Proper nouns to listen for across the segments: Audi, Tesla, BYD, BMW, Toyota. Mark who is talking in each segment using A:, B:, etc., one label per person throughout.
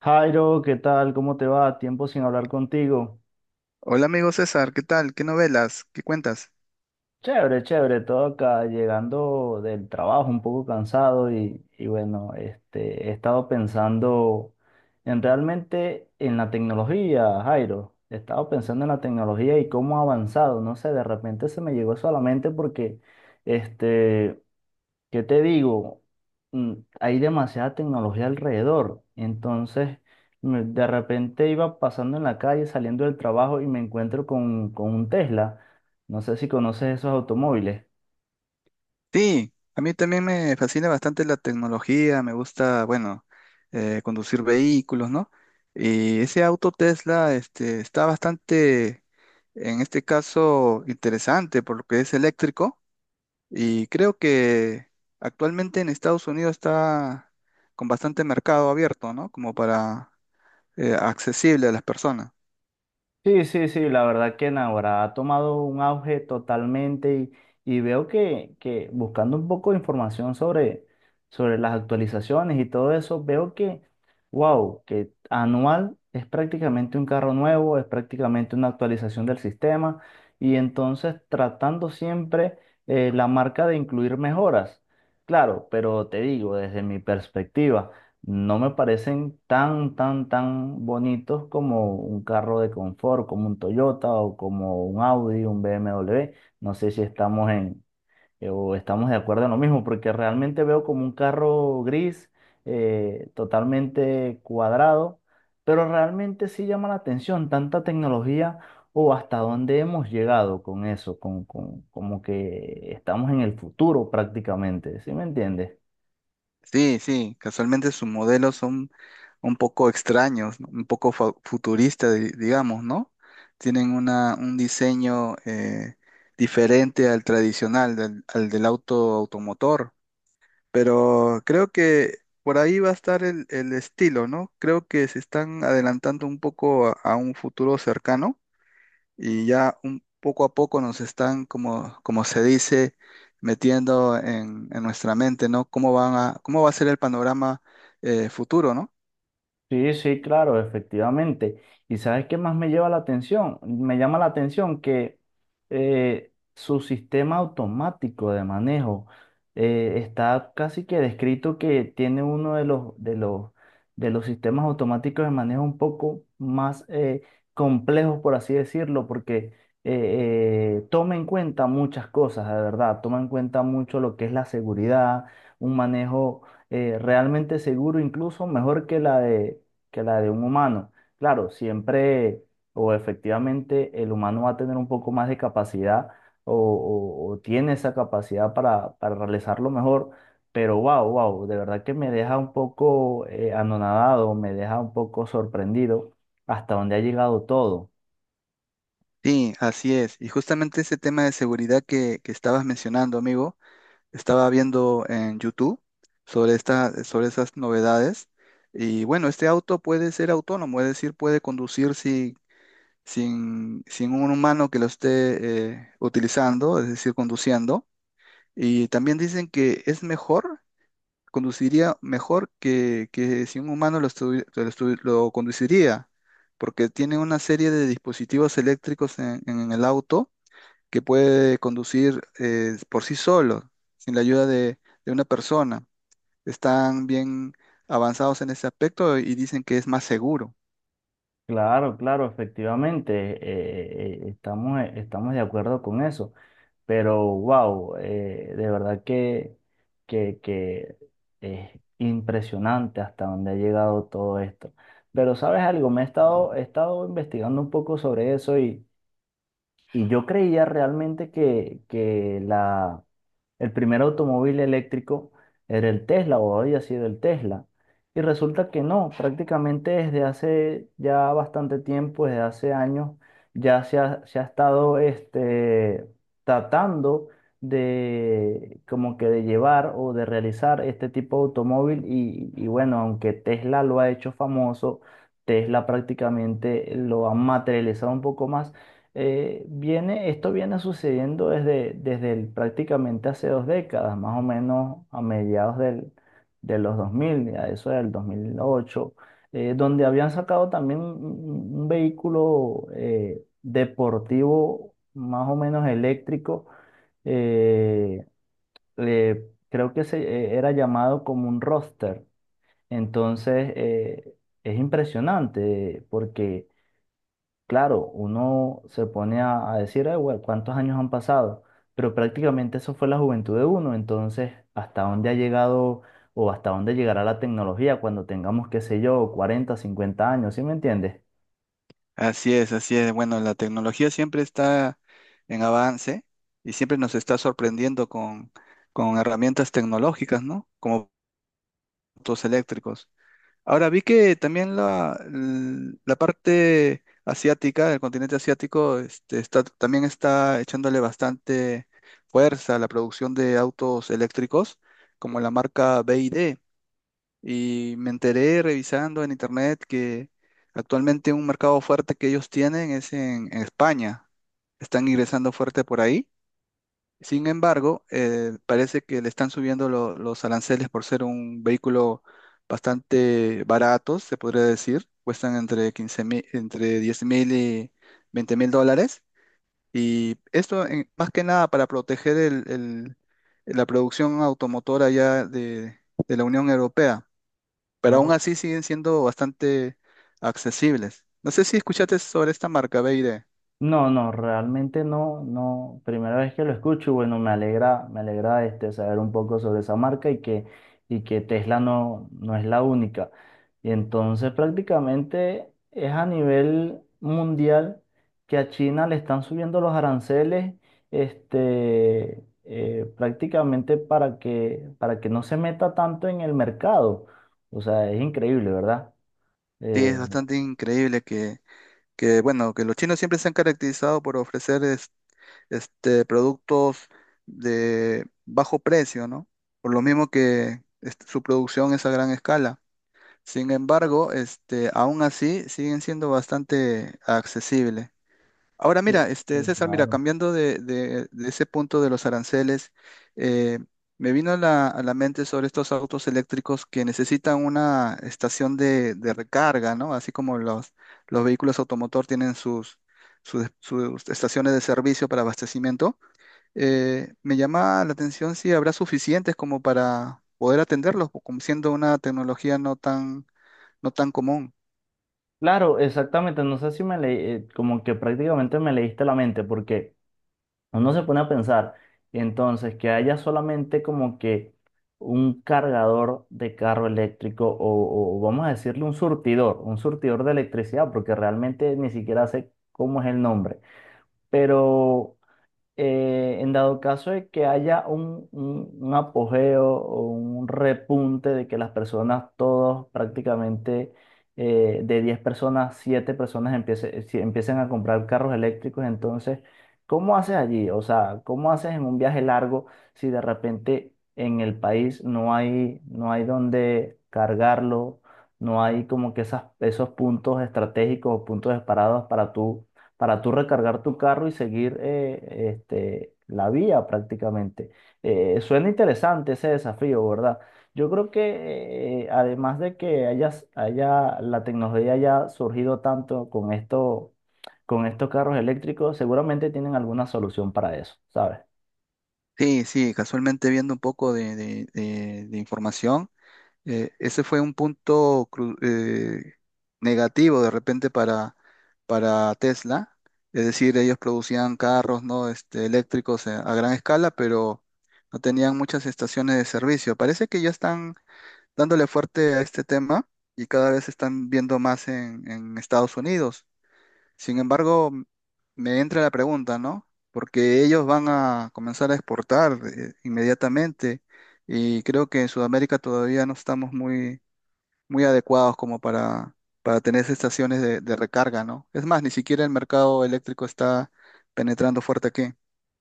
A: Jairo, ¿qué tal? ¿Cómo te va? Tiempo sin hablar contigo.
B: Hola amigo César, ¿qué tal? ¿Qué novelas? ¿Qué cuentas?
A: Chévere, chévere, todo acá, llegando del trabajo un poco cansado y bueno, he estado pensando en realmente en la tecnología, Jairo. He estado pensando en la tecnología y cómo ha avanzado. No sé, de repente se me llegó solamente porque este, ¿qué te digo? Mm, Hay demasiada tecnología alrededor. Entonces, de repente iba pasando en la calle, saliendo del trabajo y me encuentro con un Tesla. No sé si conoces esos automóviles.
B: Sí, a mí también me fascina bastante la tecnología, me gusta, bueno, conducir vehículos, ¿no? Y ese auto Tesla, este, está bastante, en este caso, interesante por lo que es eléctrico y creo que actualmente en Estados Unidos está con bastante mercado abierto, ¿no? Como para, accesible a las personas.
A: Sí, sí, sí, la verdad que Navarra ha tomado un auge totalmente y veo que buscando un poco de información sobre las actualizaciones y todo eso, veo que, wow, que anual es prácticamente un carro nuevo, es prácticamente una actualización del sistema y entonces tratando siempre la marca de incluir mejoras. Claro, pero te digo, desde mi perspectiva. No me parecen tan, tan, tan bonitos como un carro de confort, como un Toyota o como un Audi, un BMW. No sé si estamos en, o estamos de acuerdo en lo mismo, porque realmente veo como un carro gris, totalmente cuadrado, pero realmente sí llama la atención tanta tecnología o hasta dónde hemos llegado con eso, como que estamos en el futuro prácticamente, ¿sí me entiendes?
B: Sí, sí, casualmente sus modelos son un poco extraños, ¿no? Un poco futuristas, digamos, ¿no? Tienen un diseño diferente al tradicional, al del auto automotor, pero creo que por ahí va a estar el estilo, ¿no? Creo que se están adelantando un poco a un futuro cercano y ya un poco a poco nos están, como, como se dice, metiendo en nuestra mente, ¿no? ¿Cómo cómo va a ser el panorama futuro? ¿No?
A: Sí, sí, claro, efectivamente. ¿Y sabes qué más me lleva la atención? Me llama la atención que su sistema automático de manejo está casi que descrito que tiene uno de de los sistemas automáticos de manejo un poco más complejos, por así decirlo, porque toma en cuenta muchas cosas, de verdad, toma en cuenta mucho lo que es la seguridad, un manejo realmente seguro, incluso mejor que la de un humano. Claro, siempre o efectivamente el humano va a tener un poco más de capacidad o tiene esa capacidad para realizarlo mejor, pero wow, wow, de verdad que me deja un poco anonadado, me deja un poco sorprendido hasta dónde ha llegado todo.
B: Sí, así es. Y justamente ese tema de seguridad que estabas mencionando, amigo, estaba viendo en YouTube sobre sobre esas novedades. Y bueno, este auto puede ser autónomo, es decir, puede conducir sin un humano que lo esté utilizando, es decir, conduciendo. Y también dicen que es mejor, conduciría mejor que si un humano lo, lo conduciría, porque tiene una serie de dispositivos eléctricos en el auto que puede conducir por sí solo, sin la ayuda de una persona. Están bien avanzados en ese aspecto y dicen que es más seguro.
A: Claro, claro, efectivamente, estamos de acuerdo con eso, pero wow, de verdad que es impresionante hasta dónde ha llegado todo esto. Pero ¿sabes algo? He estado investigando un poco sobre eso y yo creía realmente que la el primer automóvil eléctrico era el Tesla o había sido el Tesla. Y resulta que no, prácticamente desde hace ya bastante tiempo, desde hace años, ya se ha estado tratando de como que de llevar o de realizar este tipo de automóvil. Y bueno, aunque Tesla lo ha hecho famoso, Tesla prácticamente lo ha materializado un poco más esto viene sucediendo prácticamente hace 2 décadas, más o menos a mediados de los 2000 a eso del 2008, donde habían sacado también un vehículo deportivo más o menos eléctrico, eh, creo que era llamado como un roster. Entonces, es impresionante porque claro, uno se pone a decir, "Ay, güey, ¿cuántos años han pasado? Pero prácticamente eso fue la juventud de uno. Entonces, ¿hasta dónde ha llegado o hasta dónde llegará la tecnología cuando tengamos, qué sé yo, 40, 50 años? ¿Sí me entiendes?
B: Así es, así es. Bueno, la tecnología siempre está en avance y siempre nos está sorprendiendo con herramientas tecnológicas, ¿no? Como autos eléctricos. Ahora vi que también la parte asiática, el continente asiático, este, también está echándole bastante fuerza a la producción de autos eléctricos, como la marca BYD. Y me enteré revisando en internet que actualmente un mercado fuerte que ellos tienen es en España. Están ingresando fuerte por ahí. Sin embargo, parece que le están subiendo los aranceles por ser un vehículo bastante barato, se podría decir. Cuestan entre 15 000, entre 10 000 y 20 000 dólares. Y esto más que nada para proteger la producción automotora ya de la Unión Europea, pero aún
A: No,
B: así siguen siendo bastante accesibles. No sé si escuchaste sobre esta marca BYD.
A: no, no, realmente no, no. Primera vez que lo escucho, y bueno, me alegra saber un poco sobre esa marca y que Tesla no, no es la única. Y entonces prácticamente es a nivel mundial que a China le están subiendo los aranceles, prácticamente para que no se meta tanto en el mercado. O sea, es increíble, ¿verdad?
B: Sí,
A: Eh,
B: es bastante increíble bueno, que los chinos siempre se han caracterizado por ofrecer este, productos de bajo precio, ¿no? Por lo mismo que este, su producción es a gran escala. Sin embargo, este, aún así siguen siendo bastante accesibles. Ahora
A: Sí,
B: mira, este
A: sí,
B: César, mira,
A: claro.
B: cambiando de ese punto de los aranceles, eh, me vino a a la mente sobre estos autos eléctricos que necesitan una estación de recarga, ¿no? Así como los vehículos automotor tienen sus estaciones de servicio para abastecimiento. Me llama la atención si habrá suficientes como para poder atenderlos, como siendo una tecnología no tan común.
A: Claro, exactamente. No sé si me leí, como que prácticamente me leíste la mente, porque uno se pone a pensar, entonces, que haya solamente como que un cargador de carro eléctrico o vamos a decirle un surtidor, de electricidad, porque realmente ni siquiera sé cómo es el nombre. Pero en dado caso de que haya un apogeo o un repunte de que las personas, todos prácticamente de 10 personas, 7 personas empiecen a comprar carros eléctricos, entonces, ¿cómo haces allí? O sea, ¿cómo haces en un viaje largo si de repente en el país no hay dónde cargarlo? No hay como que esos puntos estratégicos o puntos separados para tú recargar tu carro y seguir la vía prácticamente. Suena interesante ese desafío, ¿verdad? Yo creo que además de que la tecnología haya surgido tanto con esto, con estos carros eléctricos, seguramente tienen alguna solución para eso, ¿sabes?
B: Sí, sí, casualmente viendo un poco de de información. Ese fue un punto negativo de repente para Tesla. Es decir, ellos producían carros, ¿no? Este, eléctricos a gran escala, pero no tenían muchas estaciones de servicio. Parece que ya están dándole fuerte a este tema y cada vez se están viendo más en Estados Unidos. Sin embargo, me entra la pregunta, ¿no? Porque ellos van a comenzar a exportar inmediatamente y creo que en Sudamérica todavía no estamos muy adecuados como para tener esas estaciones de recarga, ¿no? Es más, ni siquiera el mercado eléctrico está penetrando fuerte aquí.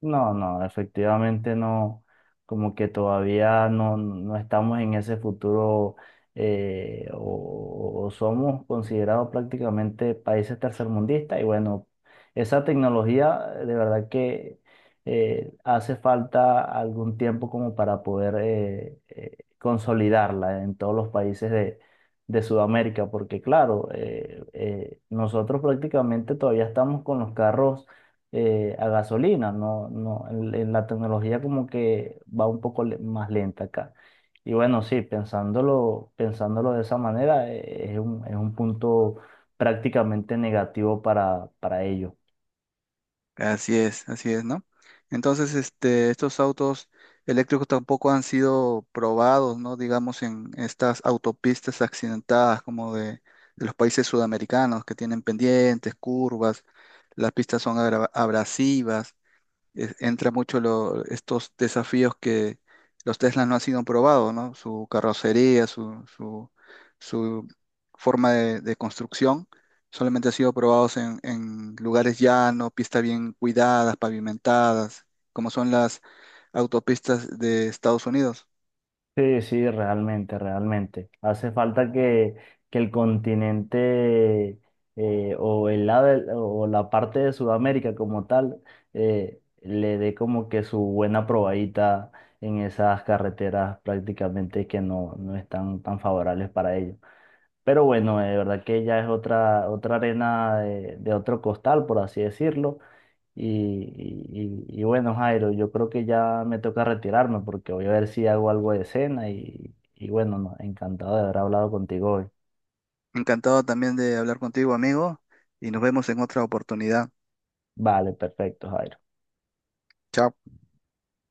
A: No, no, efectivamente no, como que todavía no estamos en ese futuro o somos considerados prácticamente países tercermundistas y bueno, esa tecnología de verdad que hace falta algún tiempo como para poder consolidarla en todos los países de Sudamérica, porque claro, nosotros prácticamente todavía estamos con los carros a gasolina, no, no, en la tecnología como que va un poco más lenta acá. Y bueno, sí, pensándolo de esa manera, es un punto prácticamente negativo para ellos.
B: Así es, ¿no? Entonces, este, estos autos eléctricos tampoco han sido probados, ¿no? Digamos, en estas autopistas accidentadas como de los países sudamericanos que tienen pendientes, curvas, las pistas son abrasivas. Es- entra mucho lo- estos desafíos que los Teslas no han sido probados, ¿no? Su carrocería, su forma de construcción, solamente ha sido probados en lugares llanos, pistas bien cuidadas, pavimentadas, como son las autopistas de Estados Unidos.
A: Sí, sí, realmente, realmente. Hace falta que el continente o el lado del- o la parte de Sudamérica como tal le dé como que su buena probadita en esas carreteras prácticamente que no están tan favorables para ellos. Pero bueno, de verdad que ya es otra arena de otro costal, por así decirlo. Y bueno, Jairo, yo creo que ya me toca retirarme porque voy a ver si hago algo de cena y bueno, no, encantado de haber hablado contigo hoy.
B: Encantado también de hablar contigo, amigo, y nos vemos en otra oportunidad.
A: Vale, perfecto, Jairo.
B: Chao.